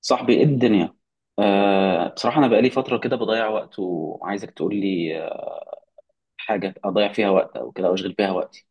صاحبي، ايه الدنيا؟ بصراحة أنا بقالي فترة كده بضيع وقت وعايزك تقول لي حاجة أضيع فيها وقت أو كده أو أشغل بيها وقتي.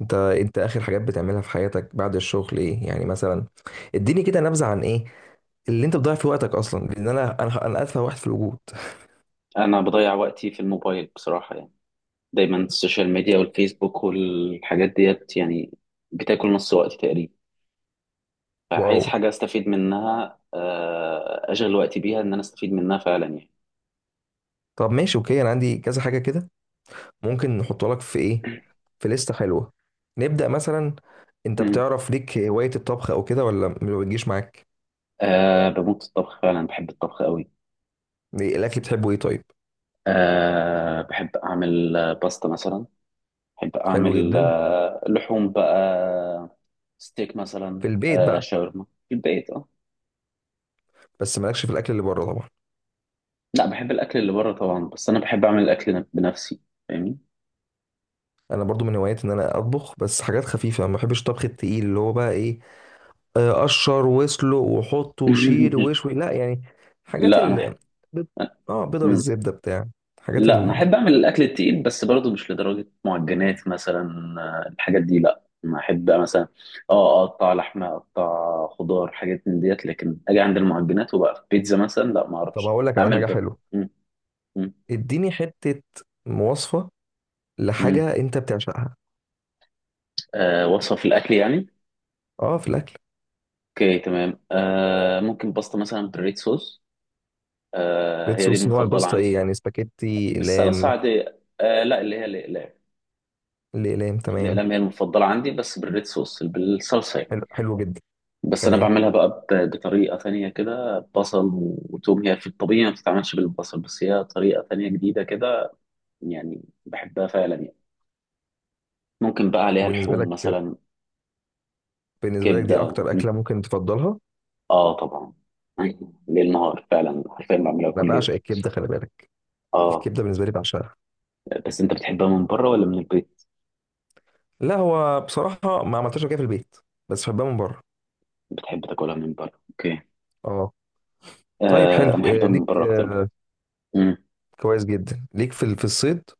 انت اخر حاجات بتعملها في حياتك بعد الشغل ايه؟ يعني مثلا اديني كده نبذه عن ايه اللي انت بتضيع فيه وقتك اصلا، لان انا اتفه واحد في الوجود. أنا بضيع وقتي في الموبايل بصراحة، يعني دايما السوشيال ميديا والفيسبوك والحاجات ديت، يعني بتاكل نص وقتي تقريبا. فعايز واو. حاجة أستفيد منها، أشغل وقتي بيها إن أنا أستفيد منها فعلا يعني. طب ماشي، اوكي، انا عندي كذا حاجه كده ممكن نحطها لك في ايه، في لسته حلوه. نبدا مثلا، انت مم. بتعرف ليك هوايه الطبخ او كده ولا ما بتجيش معاك؟ أه، بموت في الطبخ فعلا، بحب الطبخ قوي. ايه الاكل بتحبه ايه طيب؟ أه، بحب أعمل باستا مثلا. أحب حلو أعمل جدا، لحوم بقى. ستيك مثلا. في البيت آه، بقى؟ شاورما في البيت، اه. بس مالكش في الاكل اللي بره طبعا. لا، بحب الأكل اللي بره طبعا، بس أنا بحب أعمل الأكل بنفسي، فاهمني؟ انا برضو من هواياتي ان انا اطبخ، بس حاجات خفيفه، ما بحبش الطبخ التقيل اللي هو بقى ايه، قشر واسلق وحط وشيل وشوي، لا يعني. حاجات لا، أنا ال أحب. بيض- اه بيضه مم. بالزبده بتاع، حاجات لا، أنا ال. أحب أعمل الأكل التقيل، بس برضه مش لدرجة معجنات مثلا. الحاجات دي لا، أنا أحب مثلا اه أقطع لحمة، أقطع خضار، حاجات من ديت. لكن أجي عند المعجنات وبقى بيتزا مثلا، لا ما طب أعرفش هقول لك على أعمل حاجه بر. حلوه. مم. مم. اديني حته مواصفه مم. لحاجه انت بتعشقها. آه، وصفة في الأكل يعني. اه في الاكل. اوكي، تمام. ممكن باستا مثلا بالريد صوص. ريد هي دي صوص، نوع المفضله الباستا عندي. ايه يعني؟ سباكيتي، بالصلصه اقلام؟ عاديه، لا اللي هي الاقلام. الاقلام، تمام. الاقلام هي المفضله عندي، بس بالريد صوص، بالصلصه يعني. حلو، حلو جدا. بس انا تمام. بعملها بقى بطريقه تانية كده، بصل وتوم. هي في الطبيعي ما بتتعملش بالبصل، بس هي طريقه تانية جديده كده، يعني بحبها فعلا يعني. ممكن بقى عليها وبالنسبه لحوم لك، مثلا. بالنسبه لك دي كبده اكتر م. اكله ممكن تفضلها؟ اه، طبعا. ليل نهار، فعلا حرفيا بعملها انا كل يوم. بعشق الكبده، خلي بالك. اه، الكبده بالنسبه لي بعشقها. بس انت بتحبها من بره ولا من البيت؟ لا، هو بصراحه ما عملتهاش قبل كده في البيت، بس بحبها من بره. بتحب تاكلها من بره، اوكي. اه طيب، حلو. آه، انا بحبها من ليك بره اكتر. امم. كويس جدا ليك في في الصيد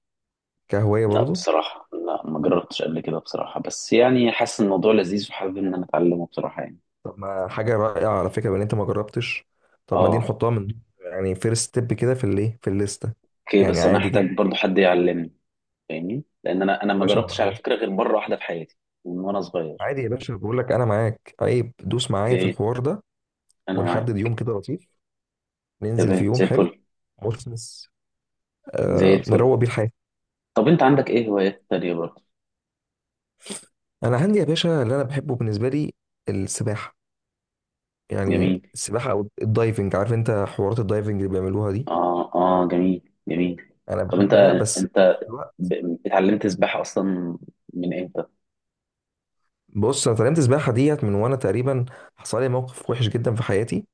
كهواية لا برضو؟ بصراحه، لا، ما جربتش قبل كده بصراحه، بس يعني حاسس إن الموضوع لذيذ، وحابب ان انا اتعلمه بصراحه يعني. طب ما حاجة رائعة على فكرة، بان انت ما جربتش. طب ما دي اه. نحطها من، يعني فيرست ستيب كده، في الايه، في الليستة. اوكي، يعني بس انا عادي هحتاج جدا. برضو حد يعلمني، فاهمني؟ لان انا يا ما باشا انا جربتش على معاك. فكره غير مره واحده في حياتي، من وانا صغير. عادي يا باشا، بقول لك انا معاك، عيب، دوس معايا في اوكي. الحوار ده. انا ونحدد معاك. يوم كده لطيف، ننزل في تمام، يوم زي حلو. الفل. مثمث. زي آه، الفل. نروق بيه الحياة. طب انت عندك ايه هوايات تانية برضه؟ انا عندي يا باشا اللي انا بحبه بالنسبة لي السباحة. يعني جميل، السباحة او الدايفنج، عارف انت حوارات الدايفنج اللي بيعملوها دي؟ اه، اه، جميل، جميل. انا طب انت بحبها، بس في انت نفس الوقت. اتعلمت سباحه اصلا من امتى؟ بص، انا اتعلمت السباحه ديت من وانا تقريبا، حصل لي موقف وحش جدا في حياتي،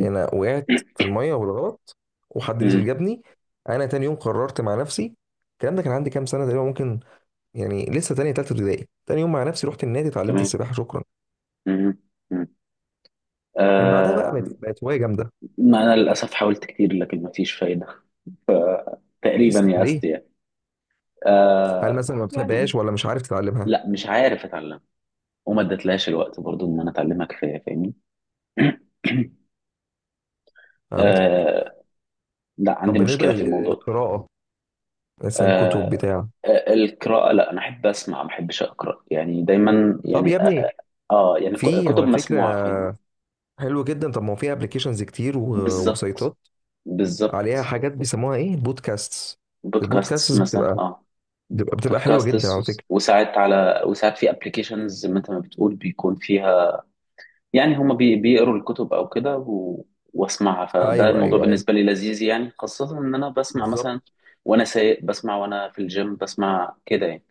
انا وقعت في الميه بالغلط وحد مم. نزل جابني. انا تاني يوم قررت مع نفسي، الكلام ده كان عندي كام سنه تقريبا، ممكن يعني لسه تانية تالتة ابتدائي، تاني يوم مع نفسي رحت النادي اتعلمت تمام. السباحه، شكرا. مم. مم. من بعدها بقى آه. بقت هوايه جامده. ما أنا للأسف حاولت كتير، لكن ما فيش فايدة. ليه؟ تقريبا يأست ليه؟ يعني. هل آه، مثلا ما يعني بتحبهاش ولا مش عارف تتعلمها؟ لا، مش عارف أتعلم، وما ادتلهاش الوقت برضو إن أنا أتعلمها كفاية، فاهمني؟ فهمت. آه. لا، طب عندي بالنسبه مشكلة في الموضوع ده. للقراءه، مثلا كتب آه. بتاع؟ القراءة لا، أنا أحب أسمع، ما أحبش أقرأ يعني، دايما طب يا يعني ابني، يعني في كتب على مسموعة، فكره، فاهم؟ حلو جدا. طب ما هو في ابلكيشنز كتير بالظبط، وسيطات، عليها بالظبط. حاجات بيسموها ايه، بودكاستس. بودكاست البودكاستس مثلا، بتبقى اه. بتبقى بتبقى حلوه بودكاست، جدا على فكره. وساعات على وساعات في ابلكيشنز زي ما انت ما بتقول، بيكون فيها يعني، هما بيقروا الكتب او كده واسمعها، فده ايوه الموضوع ايوه ايوه، بالنسبه لي لذيذ يعني، خاصه ان انا بسمع بالظبط. مثلا وانا سايق، بسمع وانا في الجيم، بسمع كده يعني.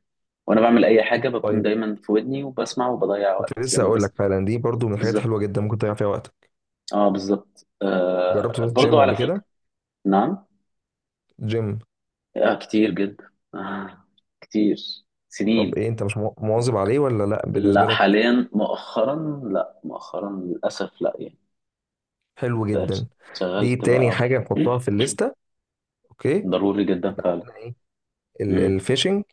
وانا بعمل اي حاجه بكون طيب دايما في ودني وبسمع، وبضيع كنت وقت لسه يعني اقول لك، بس. فعلا دي برضو من الحاجات بالظبط. الحلوه جدا ممكن تضيع فيها وقتك. اه، بالظبط، جربت تروح برضو جيم على قبل كده؟ فكره. نعم. جيم. آه، كتير جدا. كتير، طب سنين. ايه، انت مش مواظب عليه ولا لا لا، بالنسبه لك؟ حاليا مؤخرا، لا، مؤخرا للأسف، لا يعني. حلو بقيت جدا. دي شغلت تاني بقى حاجه نحطها في الليسته. اوكي، ضروري جدا يبقى فعلا. عندنا ايه، امم. الفishing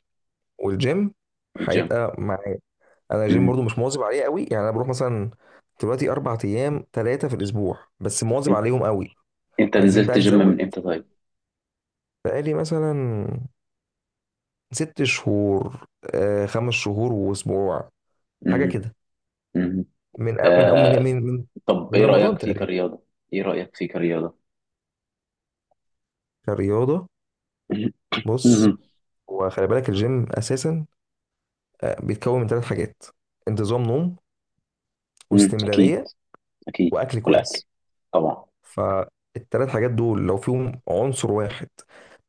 والجيم. الجيم. هيبقى مع، انا الجيم امم. برضو مش مواظب عليه قوي، يعني انا بروح مثلا دلوقتي 4 ايام 3 في الاسبوع، بس مواظب انت عليهم قوي. أنت عايزين نزلت بقى جيم نزود. من امتى طيب؟ بقالي مثلا 6 شهور، آه 5 شهور واسبوع، حاجه امم. كده. امم. من أو من أو من آه، من من طب من ايه رمضان رأيك فيه تقريبا. كرياضة؟ ايه رأيك فيه كرياضة؟ كرياضه، امم. بص، امم. وخلي بالك الجيم اساسا بيتكون من 3 حاجات: انتظام نوم، أمم، اكيد. واستمراريه، اكيد. واكل والاكل كويس. طبعا. فالتلات حاجات دول لو فيهم عنصر واحد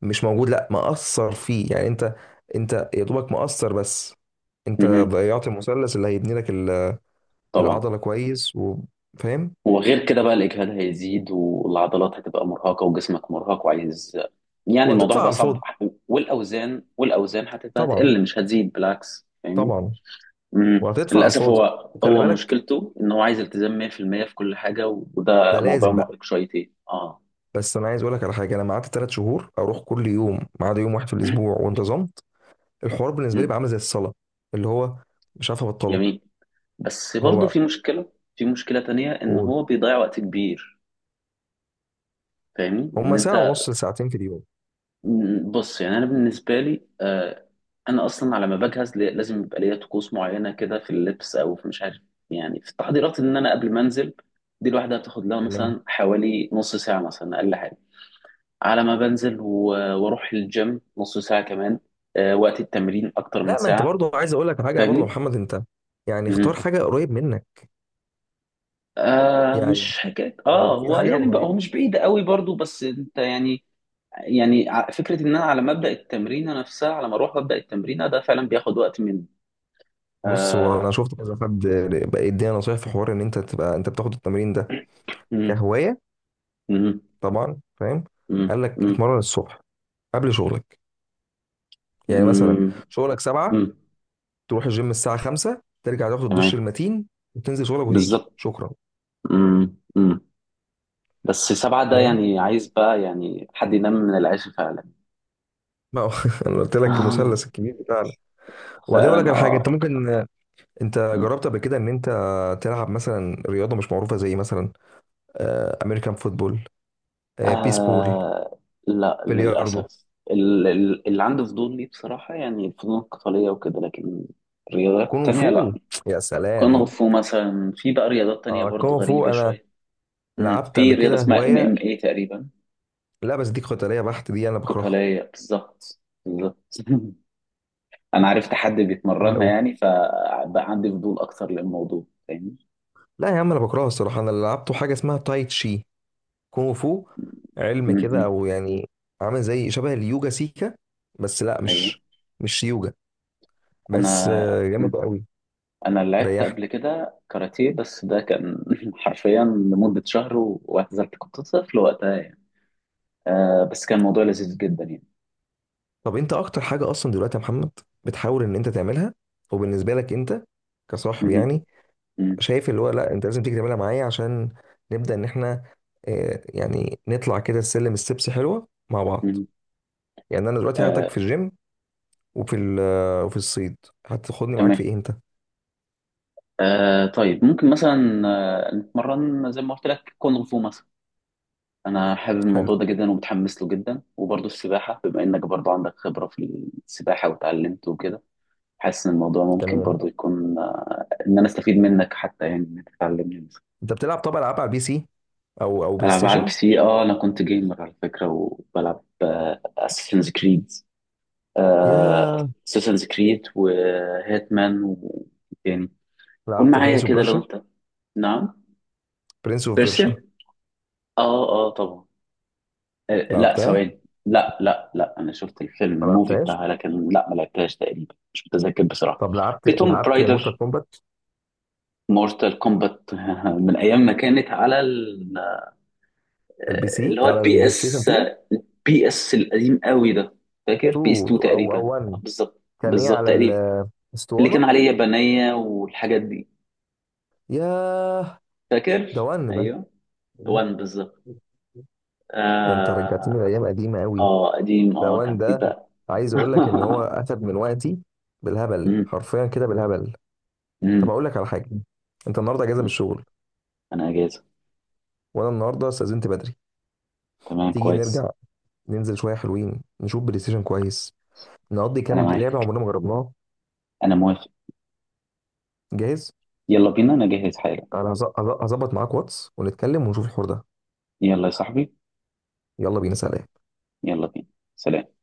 مش موجود، لا مأثر فيه، يعني انت، انت يا دوبك مأثر بس، انت امم، ضيعت المثلث اللي هيبني لك طبعا. العضلة كويس، وفاهم. وغير كده بقى الإجهاد هيزيد، والعضلات هتبقى مرهقة، وجسمك مرهق وعايز، يعني الموضوع وهتدفع على هيبقى صعب. الفاضي. والأوزان هتبقى طبعا، تقل مش هتزيد، بالعكس، فاهمني؟ طبعا. وهتدفع على للأسف الفاضي، هو، وخلي هو بالك، مشكلته إن هو عايز التزام 100% في المية في كل حاجة، وده ده موضوع لازم بقى. مرهق شويتين اه بس انا عايز اقول لك على حاجه، انا قعدت 3 شهور اروح كل يوم، ما عدا يوم واحد في الاسبوع، وانتظمت. الحوار بالنسبه لي مم. بقى عامل زي الصلاه، اللي هو مش عارف ابطله. جميل. بس برضه هو، في مشكلة تانية، إن قول. هو بيضيع وقت كبير، فاهمني؟ إن هما ساعه ونص لساعتين في اليوم. بص، يعني انا بالنسبه لي، انا اصلا على ما بجهز لازم يبقى ليا طقوس معينه كده، في اللبس او في مش عارف، يعني في التحضيرات، ان انا قبل ما انزل دي لوحدها بتاخد لها تمام. مثلا حوالي نص ساعه مثلا، اقل حاجه، على ما بنزل. واروح الجيم نص ساعه كمان. وقت التمرين اكتر من لا ما انت ساعه، برضو عايز اقول لك حاجه برضو يا فاهمني؟ محمد، انت يعني اختار مهم. حاجه قريب منك، يعني مش حكايه، لو في هو حاجه يعني بقى هو قريبه. مش بعيد قوي برضو، بس انت يعني، يعني فكره ان انا على ما ابدا التمرين نفسها، على ما اروح ابدا التمرين، ده فعلا بياخد وقت من. بص، هو انا آه. شفت كذا حد بقى يدينا نصايح في حوار ان انت تبقى انت بتاخد التمرين ده مم. كهوايه، مم. طبعا فاهم، مم. قال لك مم. اتمرن الصبح قبل شغلك. يعني مثلا مم. شغلك 7، مم. تروح الجيم الساعه 5، ترجع تاخد الدش تمام. المتين، وتنزل شغلك، وتيجي، بالظبط. شكرا. مم. مم. بس سبعة ده فاهم، يعني عايز بقى يعني حد ينام من العيش فعلا. ما هو انا قلت لك آه. المثلث الكبير بتاعنا. وبعدين اقول لك فعلا، على حاجه اه. انت ممكن، انت مم. جربت قبل كده ان انت تلعب مثلا رياضه مش معروفه، زي مثلا امريكان فوتبول، بيسبول، آه، لا بلياردو، للأسف، اللي عنده فضول ليه بصراحة، يعني الفنون القتالية وكده، لكن الرياضات كونغ التانية فو، لا. يا كونغ سلام. فو مثلا، في بقى رياضات تانية اه برضو كونغ فو، غريبة انا شوية. مم. لعبت في قبل رياضة كده اسمها ام هوايه. ام اي تقريبا. لا بس دي قتاليه بحت، دي انا بكرهها، قتالية، بالظبط. بالظبط. أنا عرفت حد بكرهها بيتمرنها قوي. يعني، فبقى عندي فضول أكتر للموضوع، فاهمني؟ لا يا عم انا بكرهها الصراحه، انا اللي لعبته حاجه اسمها تاي تشي، كونغ فو، علم كده مهم. او يعني، عامل زي شبه اليوجا سيكا، بس لا أيوه. مش، مش يوجا، بس أنا مم. جامد قوي، أنا لعبت ريحني. قبل كده كاراتيه، بس ده كان حرفيا لمدة شهر واعتزلت، كنت طفل وقتها يعني. آه، بس كان موضوع لذيذ جدا يعني. طب انت اكتر حاجه اصلا دلوقتي يا محمد بتحاول ان انت تعملها، وبالنسبه لك انت كصاحب مهم. يعني، مم. شايف اللي هو لا انت لازم تيجي تعملها معايا عشان نبدا ان احنا يعني نطلع كده السلم، ستيبس حلوه مع بعض. مم. يعني انا دلوقتي هاخدك آه. في الجيم، وفي وفي الصيد، هتاخدني معاك تمام. في ايه انت؟ طيب ممكن مثلا نتمرن زي ما قلت لك، كونغ فو مثلا. انا حابب حلو، الموضوع ده جدا، ومتحمس له جدا. وبرضه السباحه، بما انك برضه عندك خبره في السباحه، وتعلمت وكده، حاسس ان الموضوع ممكن تمام. برضه يكون ان انا استفيد منك حتى يعني، ان انت تعلمني. انت بتلعب طبعا العاب على البي سي او بلاي العب على البي ستيشن؟ سي، اه، انا كنت جيمر على فكره، وبلعب اساسنز كريد. يا، اساسنز كريد وهيتمان وتاني. قول لعبت معايا برنس اوف كده لو بيرشا؟ انت. نعم. برنس اوف بيرشا، بيرسيا، اه، اه، طبعا. لا لعبتها؟ ثواني. لا، لا، لا، انا شفت الفيلم، ما الموفي لعبتهاش. بتاعها، لكن لا، ما لعبتهاش تقريبا، مش متذكر بصراحه. طب لعبت، في توم لعبت مورتال برايدر. كومبات؟ مورتال كومبات، من ايام ما كانت على البي سي اللي هو على البي البلاي ستيشن اس. 2، بي اس القديم قوي ده. فاكر 2 بي اس 2 او تقريبا. او 1. بالظبط، كان ايه بالظبط على تقريبا. اللي كان الاسطوانه؟ عليه يابانيه والحاجات دي. ياه، ده فاكر. ون ده. ايوه. وان، بالظبط. ده انت رجعتني اه. لايام قديمه قوي. اه، قديم، ده كان وان في ده. بقى. عايز اقول لك ان هو اخد من وقتي بالهبل، مم. حرفيا كده بالهبل. طب مم. اقول لك على حاجه، انت النهارده اجازه من مم. الشغل، انا اجازه. وانا النهارده استاذنت بدري. تمام، تيجي كويس. نرجع ننزل شويه حلوين، نشوف بلاي ستيشن كويس، نقضي انا كام لعبه معاك. عمرنا ما جربناها. انا موافق. جاهز. يلا بينا، انا جاهز حالا. انا هظبط معاك واتس ونتكلم ونشوف الحوار ده. يلا يا صاحبي. يلا بينا، سلام. يلا بينا، سلام.